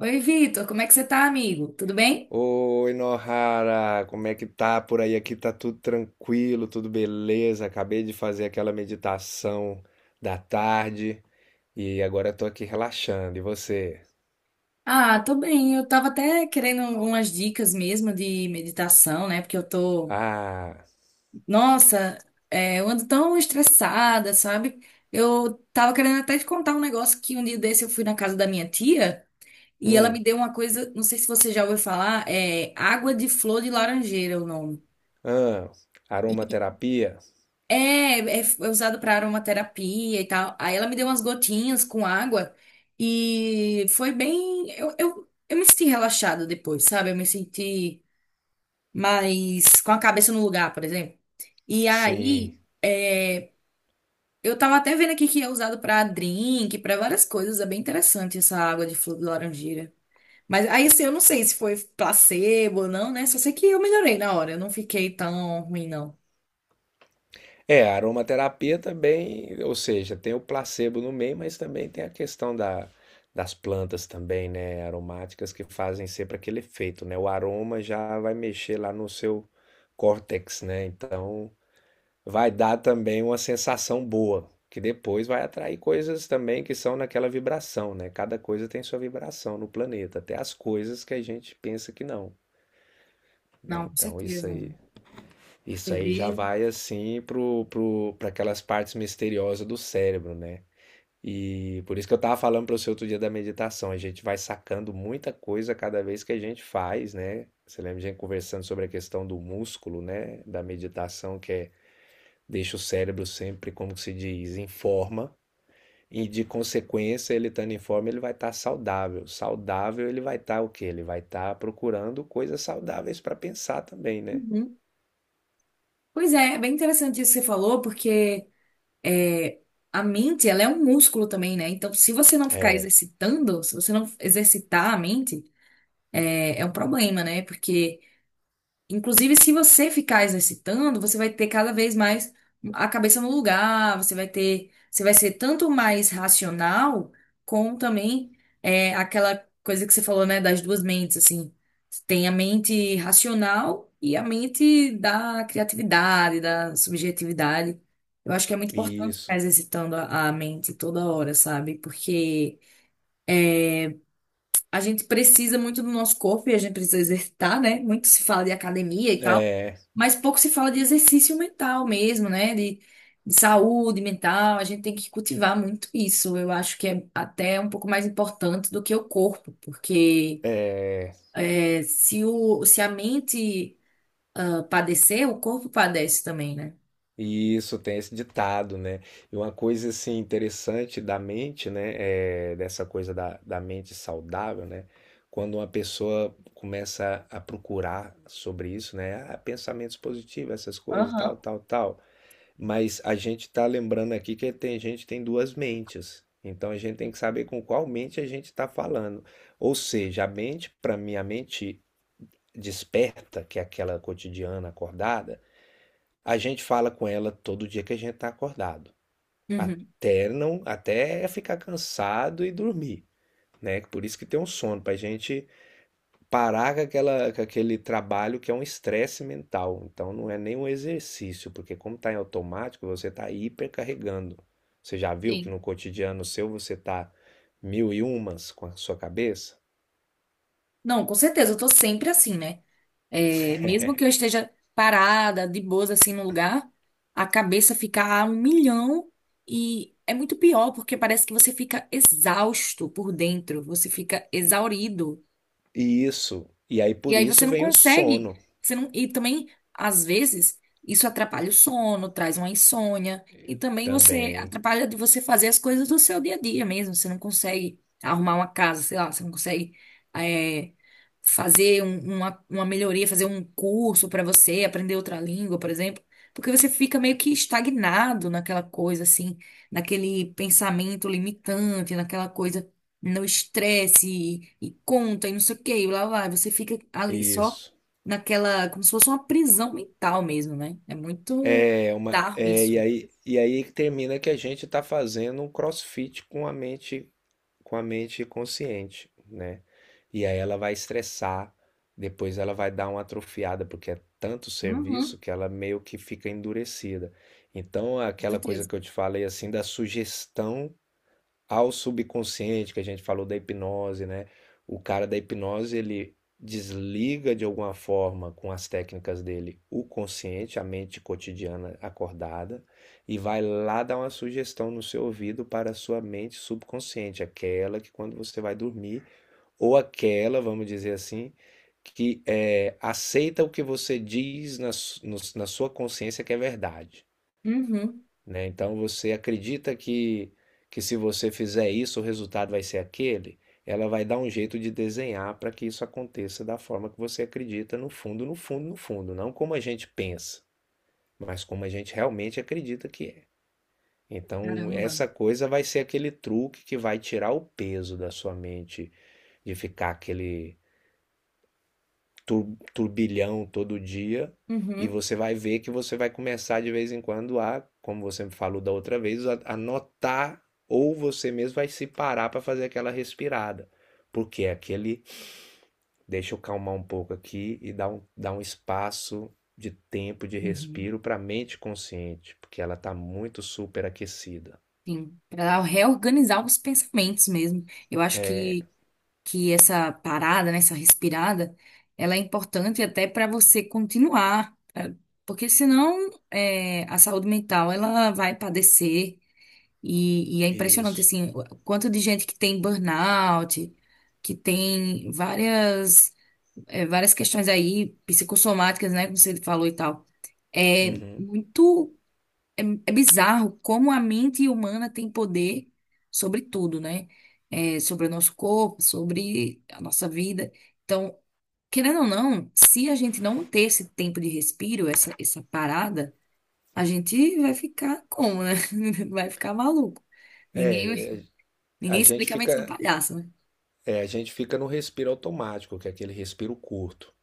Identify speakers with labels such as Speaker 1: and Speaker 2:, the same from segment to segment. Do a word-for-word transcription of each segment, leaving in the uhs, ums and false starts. Speaker 1: Oi, Vitor, como é que você tá, amigo? Tudo bem?
Speaker 2: Oi, Nohara, como é que tá por aí? Aqui tá tudo tranquilo, tudo beleza. Acabei de fazer aquela meditação da tarde e agora eu tô aqui relaxando. E você?
Speaker 1: Ah, tô bem. Eu tava até querendo umas dicas mesmo de meditação, né? Porque eu tô,
Speaker 2: Ah,
Speaker 1: nossa, é, eu ando tão estressada, sabe? Eu tava querendo até te contar um negócio que um dia desse eu fui na casa da minha tia e ela
Speaker 2: hum,
Speaker 1: me deu uma coisa, não sei se você já ouviu falar, é água de flor de laranjeira é o nome.
Speaker 2: ah, aromaterapia?
Speaker 1: É, é f- é usado para aromaterapia e tal. Aí ela me deu umas gotinhas com água e foi bem. Eu, eu, eu me senti relaxada depois, sabe? Eu me senti mais com a cabeça no lugar, por exemplo. E
Speaker 2: Sim.
Speaker 1: aí, é, eu tava até vendo aqui que é usado para drink, para várias coisas. É bem interessante essa água de flor de laranjeira. Mas aí, assim, eu não sei se foi placebo ou não, né? Só sei que eu melhorei na hora. Eu não fiquei tão ruim, não.
Speaker 2: É, a aromaterapia também, ou seja, tem o placebo no meio, mas também tem a questão da, das plantas também, né, aromáticas que fazem sempre aquele efeito, né? O aroma já vai mexer lá no seu córtex, né? Então, vai dar também uma sensação boa, que depois vai atrair coisas também que são naquela vibração, né? Cada coisa tem sua vibração no planeta, até as coisas que a gente pensa que não, né?
Speaker 1: Não, com
Speaker 2: Então, isso
Speaker 1: certeza.
Speaker 2: aí isso
Speaker 1: Você
Speaker 2: aí já
Speaker 1: vê.
Speaker 2: vai assim pro, pro, para aquelas partes misteriosas do cérebro, né? E por isso que eu tava falando para você outro dia da meditação, a gente vai sacando muita coisa cada vez que a gente faz, né? Você lembra de a gente conversando sobre a questão do músculo, né? Da meditação, que é deixa o cérebro sempre, como se diz, em forma. E de consequência, ele estando em forma, ele vai estar saudável. Saudável, ele vai estar o quê? Ele vai estar procurando coisas saudáveis para pensar também, né?
Speaker 1: Pois é, é bem interessante isso que você falou, porque é, a mente, ela é um músculo também, né? Então, se você não ficar exercitando, se você não exercitar a mente, é, é um problema, né? Porque inclusive, se você ficar exercitando, você vai ter cada vez mais a cabeça no lugar, você vai ter, você vai ser tanto mais racional, como também é, aquela coisa que você falou, né, das duas mentes, assim. Tem a mente racional e a mente da criatividade, da subjetividade. Eu acho que é muito importante
Speaker 2: Isso.
Speaker 1: ficar exercitando a a mente toda hora, sabe? Porque a gente precisa muito do nosso corpo e a gente precisa exercitar, né? Muito se fala de academia e tal.
Speaker 2: É.
Speaker 1: Mas pouco se fala de exercício mental mesmo, né? De, de saúde mental. A gente tem que cultivar muito isso. Eu acho que é até um pouco mais importante do que o corpo, porque é, se o, se a mente ah, padecer, o corpo padece também, né?
Speaker 2: Isso, tem esse ditado, né? E uma coisa assim interessante da mente, né? É, dessa coisa da, da mente saudável, né? Quando uma pessoa começa a procurar sobre isso, né? Ah, pensamentos positivos, essas coisas, tal,
Speaker 1: Aham.
Speaker 2: tal, tal. Mas a gente tá lembrando aqui que tem gente tem duas mentes. Então a gente tem que saber com qual mente a gente está falando. Ou seja, a mente, para mim, a mente desperta, que é aquela cotidiana acordada. A gente fala com ela todo dia que a gente está acordado,
Speaker 1: Uhum.
Speaker 2: até não, até ficar cansado e dormir, né? Por isso que tem um sono, pra gente parar com aquela, com aquele trabalho que é um estresse mental. Então não é nem um exercício, porque como tá em automático, você tá hipercarregando. Você já viu que no
Speaker 1: Sim.
Speaker 2: cotidiano seu você tá mil e umas com a sua cabeça?
Speaker 1: Não, com certeza, eu tô sempre assim, né? É, mesmo que eu esteja parada, de boas, assim, no lugar, a cabeça fica a um milhão e é muito pior, porque parece que você fica exausto por dentro, você fica exaurido.
Speaker 2: E isso, e aí
Speaker 1: E
Speaker 2: por
Speaker 1: aí você
Speaker 2: isso
Speaker 1: não
Speaker 2: vem o
Speaker 1: consegue,
Speaker 2: sono
Speaker 1: você não, e também, às vezes, isso atrapalha o sono, traz uma insônia, e também você
Speaker 2: também.
Speaker 1: atrapalha de você fazer as coisas do seu dia a dia mesmo. Você não consegue arrumar uma casa, sei lá, você não consegue eh, fazer um- uma, uma melhoria, fazer um curso para você, aprender outra língua, por exemplo, porque você fica meio que estagnado naquela coisa, assim, naquele pensamento limitante, naquela coisa no estresse e, e conta e não sei o quê, e lá vai, você fica ali só
Speaker 2: Isso.
Speaker 1: naquela, como se fosse uma prisão mental mesmo, né? É muito
Speaker 2: É uma,
Speaker 1: bizarro
Speaker 2: é, e
Speaker 1: isso.
Speaker 2: aí, e aí termina que a gente está fazendo um CrossFit com a mente, com a mente consciente, né? E aí ela vai estressar, depois ela vai dar uma atrofiada, porque é tanto serviço
Speaker 1: Uhum,
Speaker 2: que ela meio que fica endurecida. Então,
Speaker 1: com
Speaker 2: aquela coisa
Speaker 1: certeza.
Speaker 2: que eu te falei assim da sugestão ao subconsciente, que a gente falou da hipnose, né? O cara da hipnose, ele desliga de alguma forma com as técnicas dele o consciente, a mente cotidiana acordada, e vai lá dar uma sugestão no seu ouvido para a sua mente subconsciente, aquela que quando você vai dormir, ou aquela, vamos dizer assim, que é, aceita o que você diz na, no- na sua consciência que é verdade,
Speaker 1: Uhum.
Speaker 2: né? Então você acredita que, que se você fizer isso, o resultado vai ser aquele? Ela vai dar um jeito de desenhar para que isso aconteça da forma que você acredita, no fundo, no fundo, no fundo, não como a gente pensa, mas como a gente realmente acredita que é. Então,
Speaker 1: Caramba.
Speaker 2: essa coisa vai ser aquele truque que vai tirar o peso da sua mente de ficar aquele tur- turbilhão todo dia e
Speaker 1: Uhum,
Speaker 2: você vai ver que você vai começar de vez em quando a, como você me falou da outra vez, a, a notar ou você mesmo vai se parar para fazer aquela respirada. Porque é aquele, deixa eu calmar um pouco aqui e dar um, dar um espaço de tempo de
Speaker 1: uhum.
Speaker 2: respiro para a mente consciente, porque ela está muito superaquecida.
Speaker 1: Sim, para reorganizar os pensamentos mesmo. Eu acho
Speaker 2: É
Speaker 1: que, que essa parada, né, essa respirada, ela é importante até para você continuar, pra- porque senão é, a saúde mental ela vai padecer. E, e é impressionante,
Speaker 2: isso.
Speaker 1: assim, o quanto de gente que tem burnout, que tem várias, eh, várias questões aí psicossomáticas, né, como você falou e tal. É
Speaker 2: Uhum.
Speaker 1: muito, é, é bizarro como a mente humana tem poder sobre tudo, né? É, sobre o nosso corpo, sobre a nossa vida. Então, querendo ou não, se a gente não ter esse tempo de respiro, essa, essa parada, a gente vai ficar como, né? Vai ficar maluco. Ninguém,
Speaker 2: É,
Speaker 1: ninguém
Speaker 2: A gente
Speaker 1: explica a mente do
Speaker 2: fica,
Speaker 1: palhaço, né?
Speaker 2: é, a gente fica no respiro automático, que é aquele respiro curto.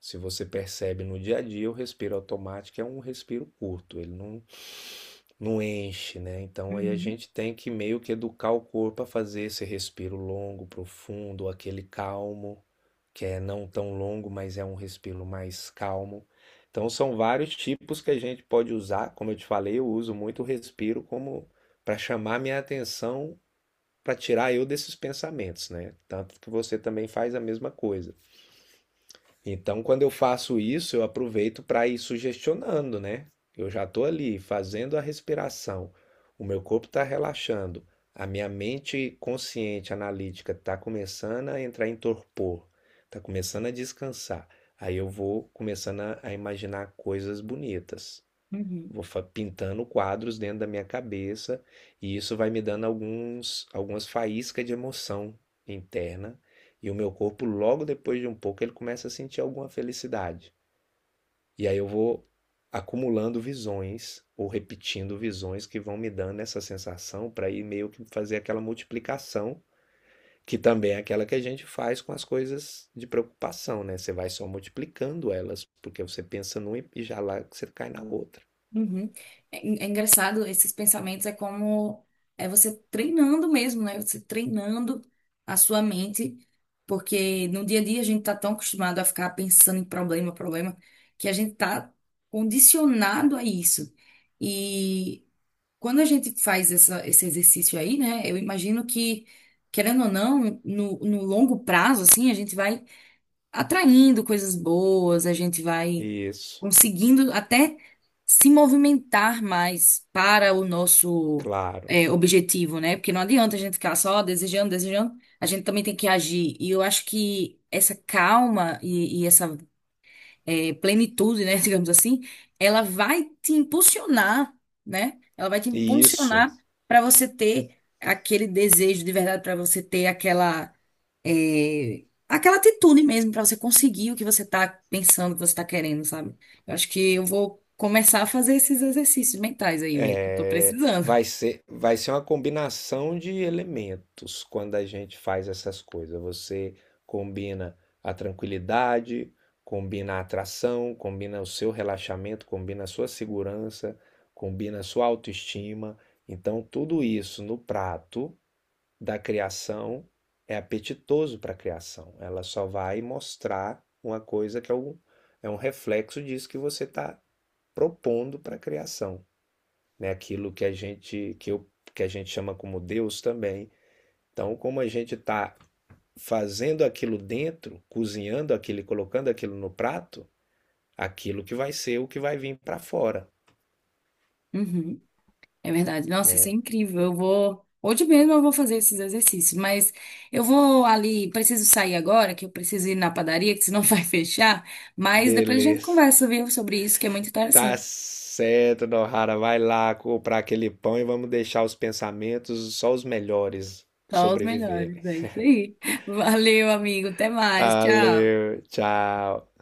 Speaker 2: Se você percebe no dia a dia, o respiro automático é um respiro curto, ele não, não enche, né? Então aí a
Speaker 1: Uhum,
Speaker 2: gente tem que meio que educar o corpo a fazer esse respiro longo, profundo, aquele calmo, que é não tão longo, mas é um respiro mais calmo. Então são vários tipos que a gente pode usar. Como eu te falei, eu uso muito o respiro como para chamar minha atenção, para tirar eu desses pensamentos, né? Tanto que você também faz a mesma coisa. Então, quando eu faço isso, eu aproveito para ir sugestionando, né? Eu já estou ali fazendo a respiração, o meu corpo está relaxando, a minha mente consciente, analítica, está começando a entrar em torpor, está começando a descansar. Aí eu vou começando a, a imaginar coisas bonitas.
Speaker 1: uhum.
Speaker 2: Vou fa- pintando quadros dentro da minha cabeça e isso vai me dando alguns, algumas faíscas de emoção interna. E o meu corpo, logo depois de um pouco, ele começa a sentir alguma felicidade. E aí eu vou acumulando visões ou repetindo visões que vão me dando essa sensação para ir meio que fazer aquela multiplicação, que também é aquela que a gente faz com as coisas de preocupação, né? Você vai só multiplicando elas, porque você pensa numa e já lá você cai na outra.
Speaker 1: Uhum. É, é engraçado, esses pensamentos é como é você treinando mesmo, né? Você treinando a sua mente, porque no dia a dia a gente tá tão acostumado a ficar pensando em problema, problema, que a gente tá condicionado a isso. E quando a gente faz essa, esse exercício aí, né? Eu imagino que, querendo ou não, no, no longo prazo, assim, a gente vai atraindo coisas boas, a gente vai
Speaker 2: Isso.
Speaker 1: conseguindo até se movimentar mais para o nosso
Speaker 2: Claro.
Speaker 1: é, objetivo, né? Porque não adianta a gente ficar só desejando, desejando, a gente também tem que agir. E eu acho que essa calma e, e essa é, plenitude, né, digamos assim, ela vai te impulsionar, né? Ela vai te
Speaker 2: E isso
Speaker 1: impulsionar para você ter aquele desejo de verdade, para você ter aquela é, aquela atitude mesmo, para você conseguir o que você está pensando, o que você está querendo, sabe? Eu acho que eu vou começar a fazer esses exercícios mentais aí, velho, que eu tô
Speaker 2: é,
Speaker 1: precisando.
Speaker 2: vai ser, vai ser uma combinação de elementos quando a gente faz essas coisas. Você combina a tranquilidade, combina a atração, combina o seu relaxamento, combina a sua segurança, combina a sua autoestima. Então, tudo isso no prato da criação é apetitoso para a criação. Ela só vai mostrar uma coisa que é um, é um reflexo disso que você está propondo para a criação, né? Aquilo que a gente que, eu, que a gente chama como Deus também. Então, como a gente está fazendo aquilo dentro, cozinhando aquilo, e colocando aquilo no prato, aquilo que vai ser o que vai vir para fora,
Speaker 1: Uhum. É verdade. Nossa, isso é
Speaker 2: né?
Speaker 1: incrível. Eu vou. Hoje mesmo eu vou fazer esses exercícios, mas eu vou ali. Preciso sair agora, que eu preciso ir na padaria, que senão vai fechar. Mas depois a gente
Speaker 2: Beleza.
Speaker 1: conversa, viu, sobre isso, que é muito
Speaker 2: Tá
Speaker 1: interessante.
Speaker 2: certo, Nohara, vai lá comprar aquele pão e vamos deixar os pensamentos só os melhores
Speaker 1: Só os
Speaker 2: sobreviverem.
Speaker 1: melhores. É isso aí. Valeu, amigo. Até mais. Tchau.
Speaker 2: Valeu, tchau.